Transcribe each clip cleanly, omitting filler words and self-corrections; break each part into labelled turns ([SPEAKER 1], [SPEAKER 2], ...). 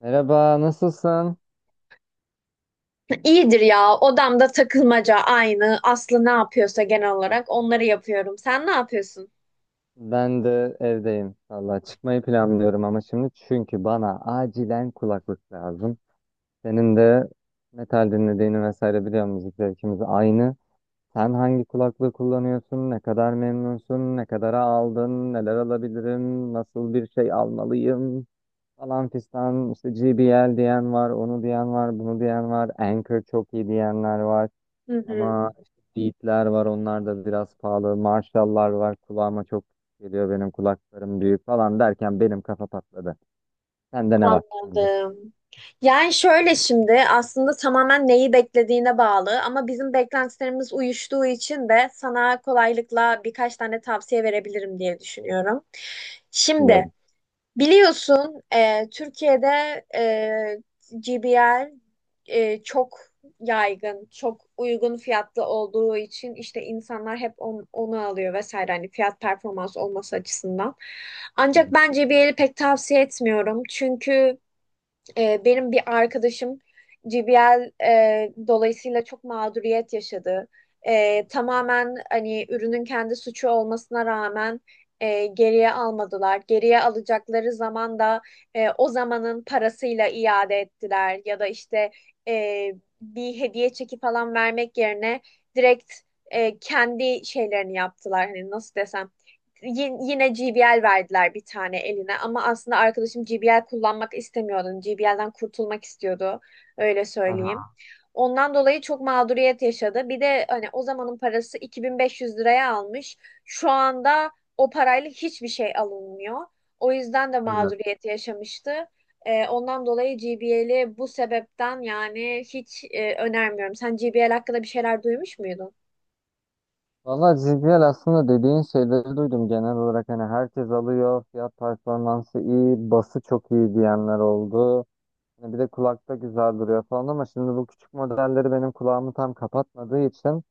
[SPEAKER 1] Merhaba, nasılsın?
[SPEAKER 2] İyidir ya. Odamda takılmaca aynı. Aslı ne yapıyorsa genel olarak onları yapıyorum. Sen ne yapıyorsun?
[SPEAKER 1] Ben de evdeyim. Valla çıkmayı planlıyorum ama şimdi çünkü bana acilen kulaklık lazım. Senin de metal dinlediğini vesaire biliyorum, müzik zevkimiz aynı. Sen hangi kulaklığı kullanıyorsun? Ne kadar memnunsun? Ne kadara aldın? Neler alabilirim? Nasıl bir şey almalıyım? Falan fistan işte, GBL diyen var, onu diyen var, bunu diyen var. Anchor çok iyi diyenler var.
[SPEAKER 2] Hı hı,
[SPEAKER 1] Ama işte Beat'ler var, onlar da biraz pahalı. Marshall'lar var, kulağıma çok geliyor, benim kulaklarım büyük falan derken benim kafa patladı. Sende ne var sence?
[SPEAKER 2] anladım. Yani şöyle, şimdi aslında tamamen neyi beklediğine bağlı, ama bizim beklentilerimiz uyuştuğu için de sana kolaylıkla birkaç tane tavsiye verebilirim diye düşünüyorum. Şimdi,
[SPEAKER 1] Bilmiyorum.
[SPEAKER 2] biliyorsun, Türkiye'de GBL çok yaygın, çok uygun fiyatlı olduğu için işte insanlar hep onu alıyor vesaire, hani fiyat performans olması açısından.
[SPEAKER 1] Hı
[SPEAKER 2] Ancak
[SPEAKER 1] hı.
[SPEAKER 2] ben GBL'i pek tavsiye etmiyorum, çünkü benim bir arkadaşım GBL dolayısıyla çok mağduriyet yaşadı. Tamamen hani ürünün kendi suçu olmasına rağmen geriye almadılar. Geriye alacakları zaman da o zamanın parasıyla iade ettiler, ya da işte e, bir hediye çeki falan vermek yerine direkt kendi şeylerini yaptılar. Hani nasıl desem, yine JBL verdiler bir tane eline, ama aslında arkadaşım JBL kullanmak istemiyordu. JBL'den kurtulmak istiyordu. Öyle söyleyeyim.
[SPEAKER 1] Aha,
[SPEAKER 2] Ondan dolayı çok mağduriyet yaşadı. Bir de hani o zamanın parası 2500 liraya almış. Şu anda o parayla hiçbir şey alınmıyor. O yüzden de
[SPEAKER 1] evet.
[SPEAKER 2] mağduriyet yaşamıştı. Ondan dolayı JBL'i bu sebepten, yani hiç önermiyorum. Sen JBL hakkında bir şeyler duymuş muydun?
[SPEAKER 1] Valla JBL aslında dediğin şeyleri duydum. Genel olarak hani herkes alıyor. Fiyat performansı iyi. Bası çok iyi diyenler oldu. Hani bir de kulakta güzel duruyor falan, ama şimdi bu küçük modelleri benim kulağımı tam kapatmadığı için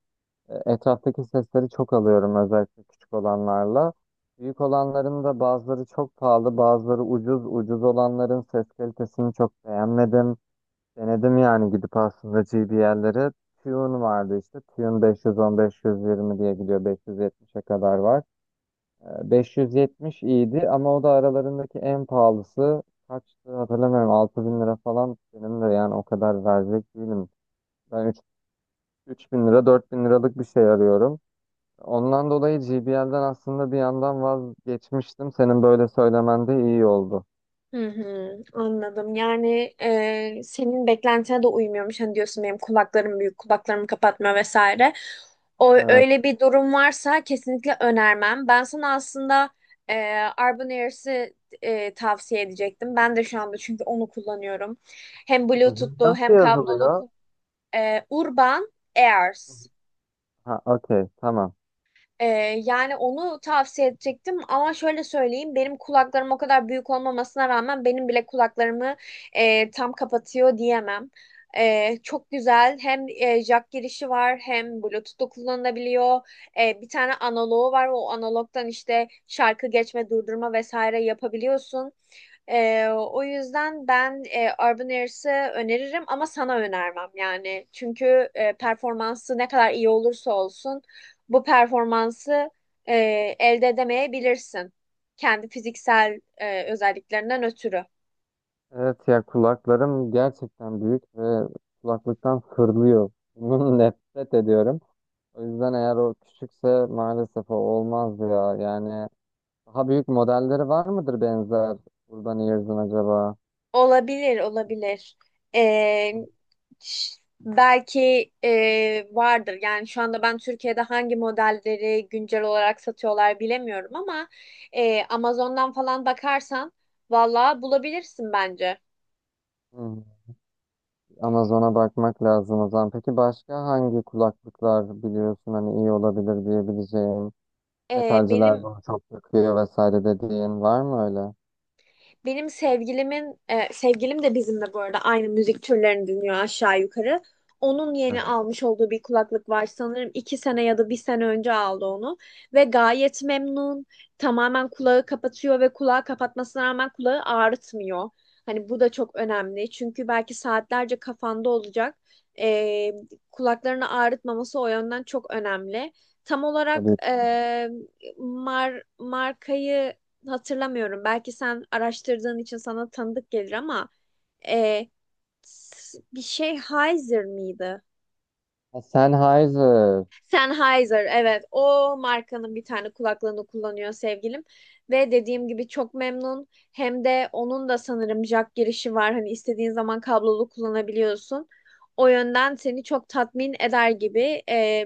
[SPEAKER 1] etraftaki sesleri çok alıyorum, özellikle küçük olanlarla. Büyük olanların da bazıları çok pahalı, bazıları ucuz. Ucuz olanların ses kalitesini çok beğenmedim. Denedim yani, gidip aslında GBL'lere. Tune vardı işte. Tune 510-520 diye gidiyor. 570'e kadar var. 570 iyiydi ama o da aralarındaki en pahalısı. Kaçtı hatırlamıyorum, 6 bin lira falan. Benim de yani o kadar verecek değilim. Ben 3, bin lira 4 bin liralık bir şey arıyorum. Ondan dolayı GBL'den aslında bir yandan vazgeçmiştim. Senin böyle söylemen de iyi oldu.
[SPEAKER 2] Hı hı, anladım. Yani senin beklentine de uymuyormuş. Hani diyorsun benim kulaklarım büyük, kulaklarımı kapatmıyor vesaire. O,
[SPEAKER 1] Evet.
[SPEAKER 2] öyle bir durum varsa kesinlikle önermem. Ben sana aslında e, Arbon Airs'i tavsiye edecektim. Ben de şu anda çünkü onu kullanıyorum. Hem
[SPEAKER 1] Hı hı.
[SPEAKER 2] Bluetooth'lu
[SPEAKER 1] Nasıl
[SPEAKER 2] hem kablolu
[SPEAKER 1] yazılıyor?
[SPEAKER 2] ku- e, Urban Airs.
[SPEAKER 1] Ha, okey, tamam.
[SPEAKER 2] Ee, yani onu tavsiye edecektim, ama şöyle söyleyeyim, benim kulaklarım o kadar büyük olmamasına rağmen benim bile kulaklarımı tam kapatıyor diyemem. Çok güzel, hem jack girişi var hem Bluetooth'u kullanılabiliyor. Bir tane analogu var, o analogdan işte şarkı geçme, durdurma vesaire yapabiliyorsun. O yüzden ben Urban Air's'ı öneririm, ama sana önermem yani. Çünkü performansı ne kadar iyi olursa olsun, bu performansı e, elde edemeyebilirsin. Kendi fiziksel özelliklerinden ötürü.
[SPEAKER 1] Evet ya, kulaklarım gerçekten büyük ve kulaklıktan fırlıyor. Bunun nefret ediyorum. O yüzden eğer o küçükse maalesef o olmaz ya. Yani daha büyük modelleri var mıdır, benzer Urban Ears'ın acaba?
[SPEAKER 2] Olabilir, olabilir. Ee, belki vardır. Yani şu anda ben Türkiye'de hangi modelleri güncel olarak satıyorlar bilemiyorum, ama Amazon'dan falan bakarsan valla bulabilirsin bence.
[SPEAKER 1] Hı. Amazon'a bakmak lazım o zaman. Peki başka hangi kulaklıklar biliyorsun hani iyi olabilir diyebileceğin?
[SPEAKER 2] Ee, benim
[SPEAKER 1] Metalciler bunu çok takıyor vesaire dediğin var mı öyle?
[SPEAKER 2] sevgilim de bizimle bu arada aynı müzik türlerini dinliyor aşağı yukarı. Onun
[SPEAKER 1] Heh.
[SPEAKER 2] yeni almış olduğu bir kulaklık var, sanırım 2 sene ya da bir sene önce aldı onu, ve gayet memnun. Tamamen kulağı kapatıyor, ve kulağı kapatmasına rağmen kulağı ağrıtmıyor. Hani bu da çok önemli, çünkü belki saatlerce kafanda olacak. E, kulaklarını ağrıtmaması o yönden çok önemli. Tam olarak
[SPEAKER 1] Tabii.
[SPEAKER 2] markayı hatırlamıyorum. Belki sen araştırdığın için sana tanıdık gelir, ama e, bir şey, Sennheiser mıydı?
[SPEAKER 1] Ha, Sennheiser.
[SPEAKER 2] Sennheiser, evet, o markanın bir tane kulaklığını kullanıyor sevgilim. Ve dediğim gibi çok memnun. Hem de onun da sanırım jack girişi var. Hani istediğin zaman kablolu kullanabiliyorsun. O yönden seni çok tatmin eder gibi. E,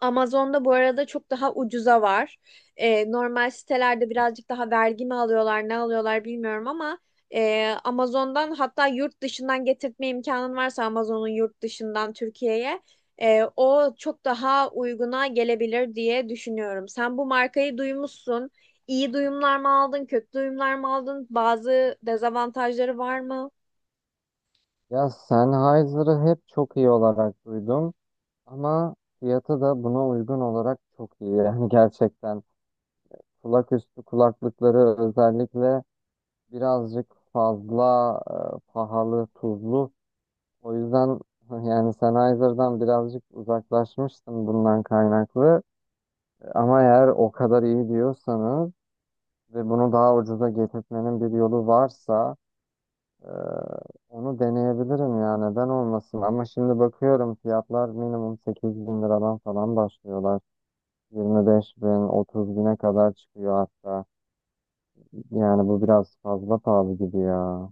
[SPEAKER 2] Amazon'da bu arada çok daha ucuza var. Normal sitelerde birazcık daha vergi mi alıyorlar, ne alıyorlar bilmiyorum, ama Amazon'dan, hatta yurt dışından getirtme imkanın varsa Amazon'un yurt dışından Türkiye'ye, o çok daha uyguna gelebilir diye düşünüyorum. Sen bu markayı duymuşsun. İyi duyumlar mı aldın, kötü duyumlar mı aldın? Bazı dezavantajları var mı?
[SPEAKER 1] Ya, Sennheiser'ı hep çok iyi olarak duydum, ama fiyatı da buna uygun olarak çok iyi. Yani gerçekten kulak üstü kulaklıkları özellikle birazcık fazla pahalı, tuzlu. O yüzden yani Sennheiser'dan birazcık uzaklaşmıştım bundan kaynaklı. Ama eğer o kadar iyi diyorsanız ve bunu daha ucuza getirtmenin bir yolu varsa e, onu deneyebilirim ya, neden olmasın. Ama şimdi bakıyorum, fiyatlar minimum 8 bin liradan falan başlıyorlar. 25 bin, 30 bine kadar çıkıyor hatta. Yani bu biraz fazla pahalı gibi ya.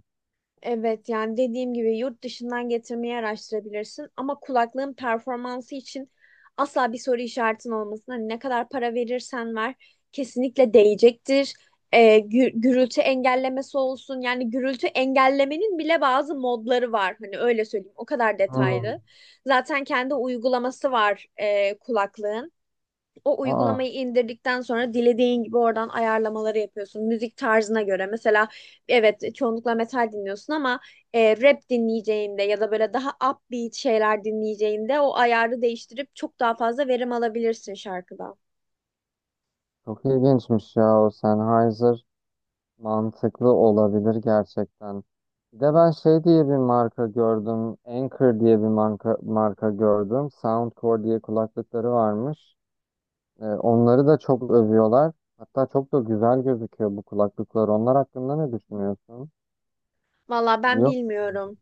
[SPEAKER 2] Evet, yani dediğim gibi yurt dışından getirmeyi araştırabilirsin, ama kulaklığın performansı için asla bir soru işaretin olmasın. Hani ne kadar para verirsen ver, kesinlikle değecektir. Gürültü engellemesi olsun, yani gürültü engellemenin bile bazı modları var, hani öyle söyleyeyim, o kadar
[SPEAKER 1] Hmm.
[SPEAKER 2] detaylı. Zaten kendi uygulaması var kulaklığın. O
[SPEAKER 1] Aa,
[SPEAKER 2] uygulamayı indirdikten sonra dilediğin gibi oradan ayarlamaları yapıyorsun. Müzik tarzına göre. Mesela, evet, çoğunlukla metal dinliyorsun, ama rap dinleyeceğinde, ya da böyle daha upbeat şeyler dinleyeceğinde o ayarı değiştirip çok daha fazla verim alabilirsin şarkıdan.
[SPEAKER 1] çok ilginçmiş ya o Sennheiser. Mantıklı olabilir gerçekten. Bir de ben şey diye bir marka gördüm. Anchor diye bir marka, marka gördüm. Soundcore diye kulaklıkları varmış. Onları da çok övüyorlar. Hatta çok da güzel gözüküyor bu kulaklıklar. Onlar hakkında ne düşünüyorsun?
[SPEAKER 2] Valla ben
[SPEAKER 1] Yok.
[SPEAKER 2] bilmiyorum.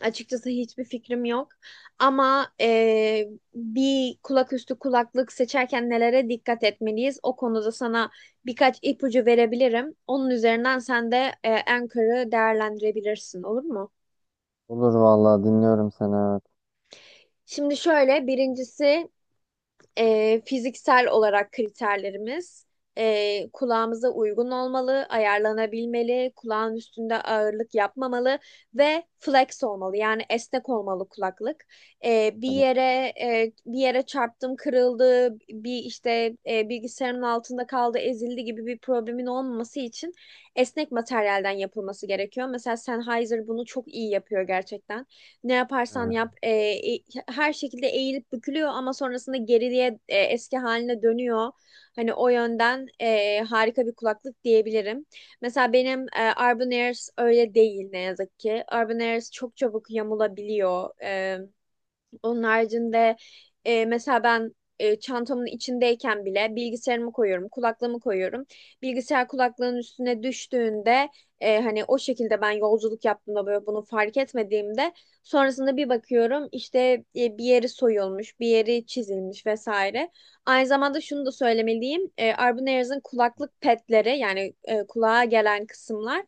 [SPEAKER 2] Açıkçası hiçbir fikrim yok. Ama bir kulaküstü kulaklık seçerken nelere dikkat etmeliyiz? O konuda sana birkaç ipucu verebilirim. Onun üzerinden sen de Anchor'ı değerlendirebilirsin, olur mu?
[SPEAKER 1] Olur vallahi, dinliyorum seni. Evet.
[SPEAKER 2] Şimdi şöyle, birincisi fiziksel olarak kriterlerimiz kulağımıza uygun olmalı, ayarlanabilmeli, kulağın üstünde ağırlık yapmamalı, ve flex olmalı. Yani esnek olmalı kulaklık. E, bir
[SPEAKER 1] Evet.
[SPEAKER 2] yere bir yere çarptım, kırıldı, bir işte bilgisayarın altında kaldı, ezildi gibi bir problemin olmaması için esnek materyalden yapılması gerekiyor. Mesela Sennheiser bunu çok iyi yapıyor gerçekten. Ne yaparsan
[SPEAKER 1] Evet.
[SPEAKER 2] yap, e, her şekilde eğilip bükülüyor, ama sonrasında geriliğe eski haline dönüyor. Hani o yönden harika bir kulaklık diyebilirim. Mesela benim Urban Airs öyle değil, ne yazık ki. Urban Airs çok çabuk yamulabiliyor. Onun haricinde mesela ben çantamın içindeyken bile bilgisayarımı koyuyorum, kulaklığımı koyuyorum. Bilgisayar kulaklığın üstüne düştüğünde, hani o şekilde ben yolculuk yaptığımda, böyle bunu fark etmediğimde sonrasında bir bakıyorum işte, bir yeri soyulmuş, bir yeri çizilmiş vesaire. Aynı zamanda şunu da söylemeliyim. Arbunnerz'in kulaklık petleri, yani kulağa gelen kısımlar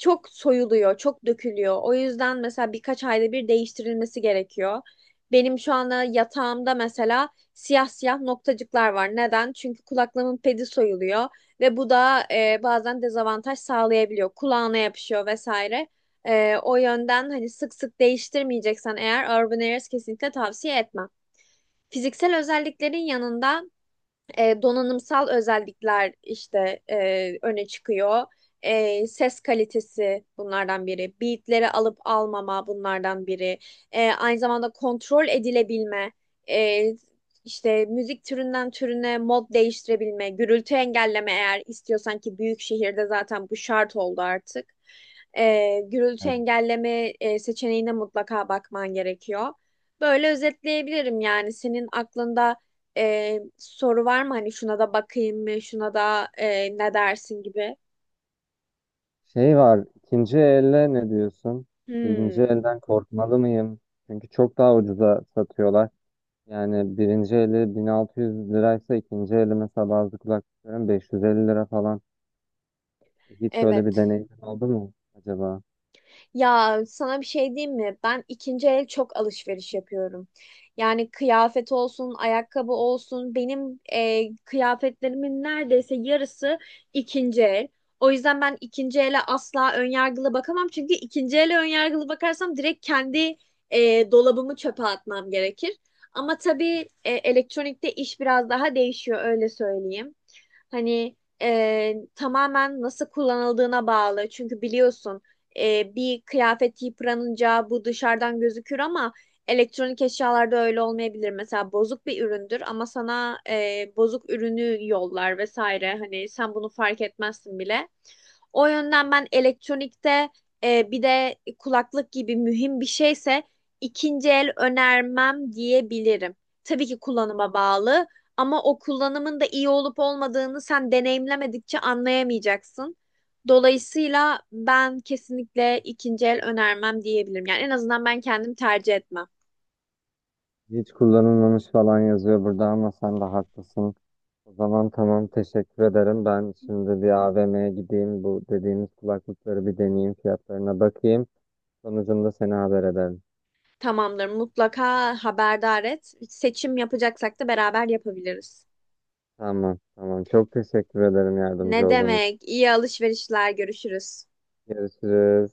[SPEAKER 2] çok soyuluyor, çok dökülüyor. O yüzden mesela birkaç ayda bir değiştirilmesi gerekiyor. Benim şu anda yatağımda mesela siyah siyah noktacıklar var. Neden? Çünkü kulaklığımın pedi soyuluyor, ve bu da bazen dezavantaj sağlayabiliyor. Kulağına yapışıyor vesaire. O yönden hani sık sık değiştirmeyeceksen eğer, Urban Airs kesinlikle tavsiye etmem. Fiziksel özelliklerin yanında donanımsal özellikler işte öne çıkıyor. Ses kalitesi bunlardan biri. Beatleri alıp almama bunlardan biri. Aynı zamanda kontrol edilebilme. E, işte müzik türünden türüne mod değiştirebilme. Gürültü engelleme, eğer istiyorsan ki büyük şehirde zaten bu şart oldu artık. Gürültü
[SPEAKER 1] Evet.
[SPEAKER 2] engelleme seçeneğine mutlaka bakman gerekiyor. Böyle özetleyebilirim. Yani senin aklında soru var mı? Hani şuna da bakayım mı? Şuna da ne dersin gibi.
[SPEAKER 1] Şey var, ikinci elle ne diyorsun? İkinci
[SPEAKER 2] Hmm,
[SPEAKER 1] elden korkmalı mıyım? Çünkü çok daha ucuza satıyorlar. Yani birinci eli 1600 liraysa ikinci eli mesela bazı kulaklıkların 550 lira falan. Hiç öyle bir
[SPEAKER 2] evet.
[SPEAKER 1] deneyim oldu mu acaba?
[SPEAKER 2] Ya sana bir şey diyeyim mi? Ben ikinci el çok alışveriş yapıyorum. Yani kıyafet olsun, ayakkabı olsun. Benim kıyafetlerimin neredeyse yarısı ikinci el. O yüzden ben ikinci ele asla önyargılı bakamam. Çünkü ikinci ele önyargılı bakarsam direkt kendi dolabımı çöpe atmam gerekir. Ama tabii, elektronikte iş biraz daha değişiyor, öyle söyleyeyim. Hani tamamen nasıl kullanıldığına bağlı. Çünkü biliyorsun, bir kıyafet yıpranınca bu dışarıdan gözükür, ama elektronik eşyalarda öyle olmayabilir. Mesela bozuk bir üründür, ama sana bozuk ürünü yollar vesaire. Hani sen bunu fark etmezsin bile. O yönden ben elektronikte, bir de kulaklık gibi mühim bir şeyse, ikinci el önermem diyebilirim. Tabii ki kullanıma bağlı, ama o kullanımın da iyi olup olmadığını sen deneyimlemedikçe anlayamayacaksın. Dolayısıyla ben kesinlikle ikinci el önermem diyebilirim. Yani en azından ben kendim tercih etmem.
[SPEAKER 1] Hiç kullanılmamış falan yazıyor burada, ama sen de haklısın. O zaman tamam, teşekkür ederim. Ben şimdi bir AVM'ye gideyim. Bu dediğimiz kulaklıkları bir deneyeyim. Fiyatlarına bakayım. Sonucunda seni haber ederim.
[SPEAKER 2] Tamamdır, mutlaka haberdar et. Seçim yapacaksak da beraber yapabiliriz.
[SPEAKER 1] Tamam tamam. Çok teşekkür ederim yardımcı
[SPEAKER 2] Ne
[SPEAKER 1] olduğunuz için.
[SPEAKER 2] demek? İyi alışverişler, görüşürüz.
[SPEAKER 1] Görüşürüz.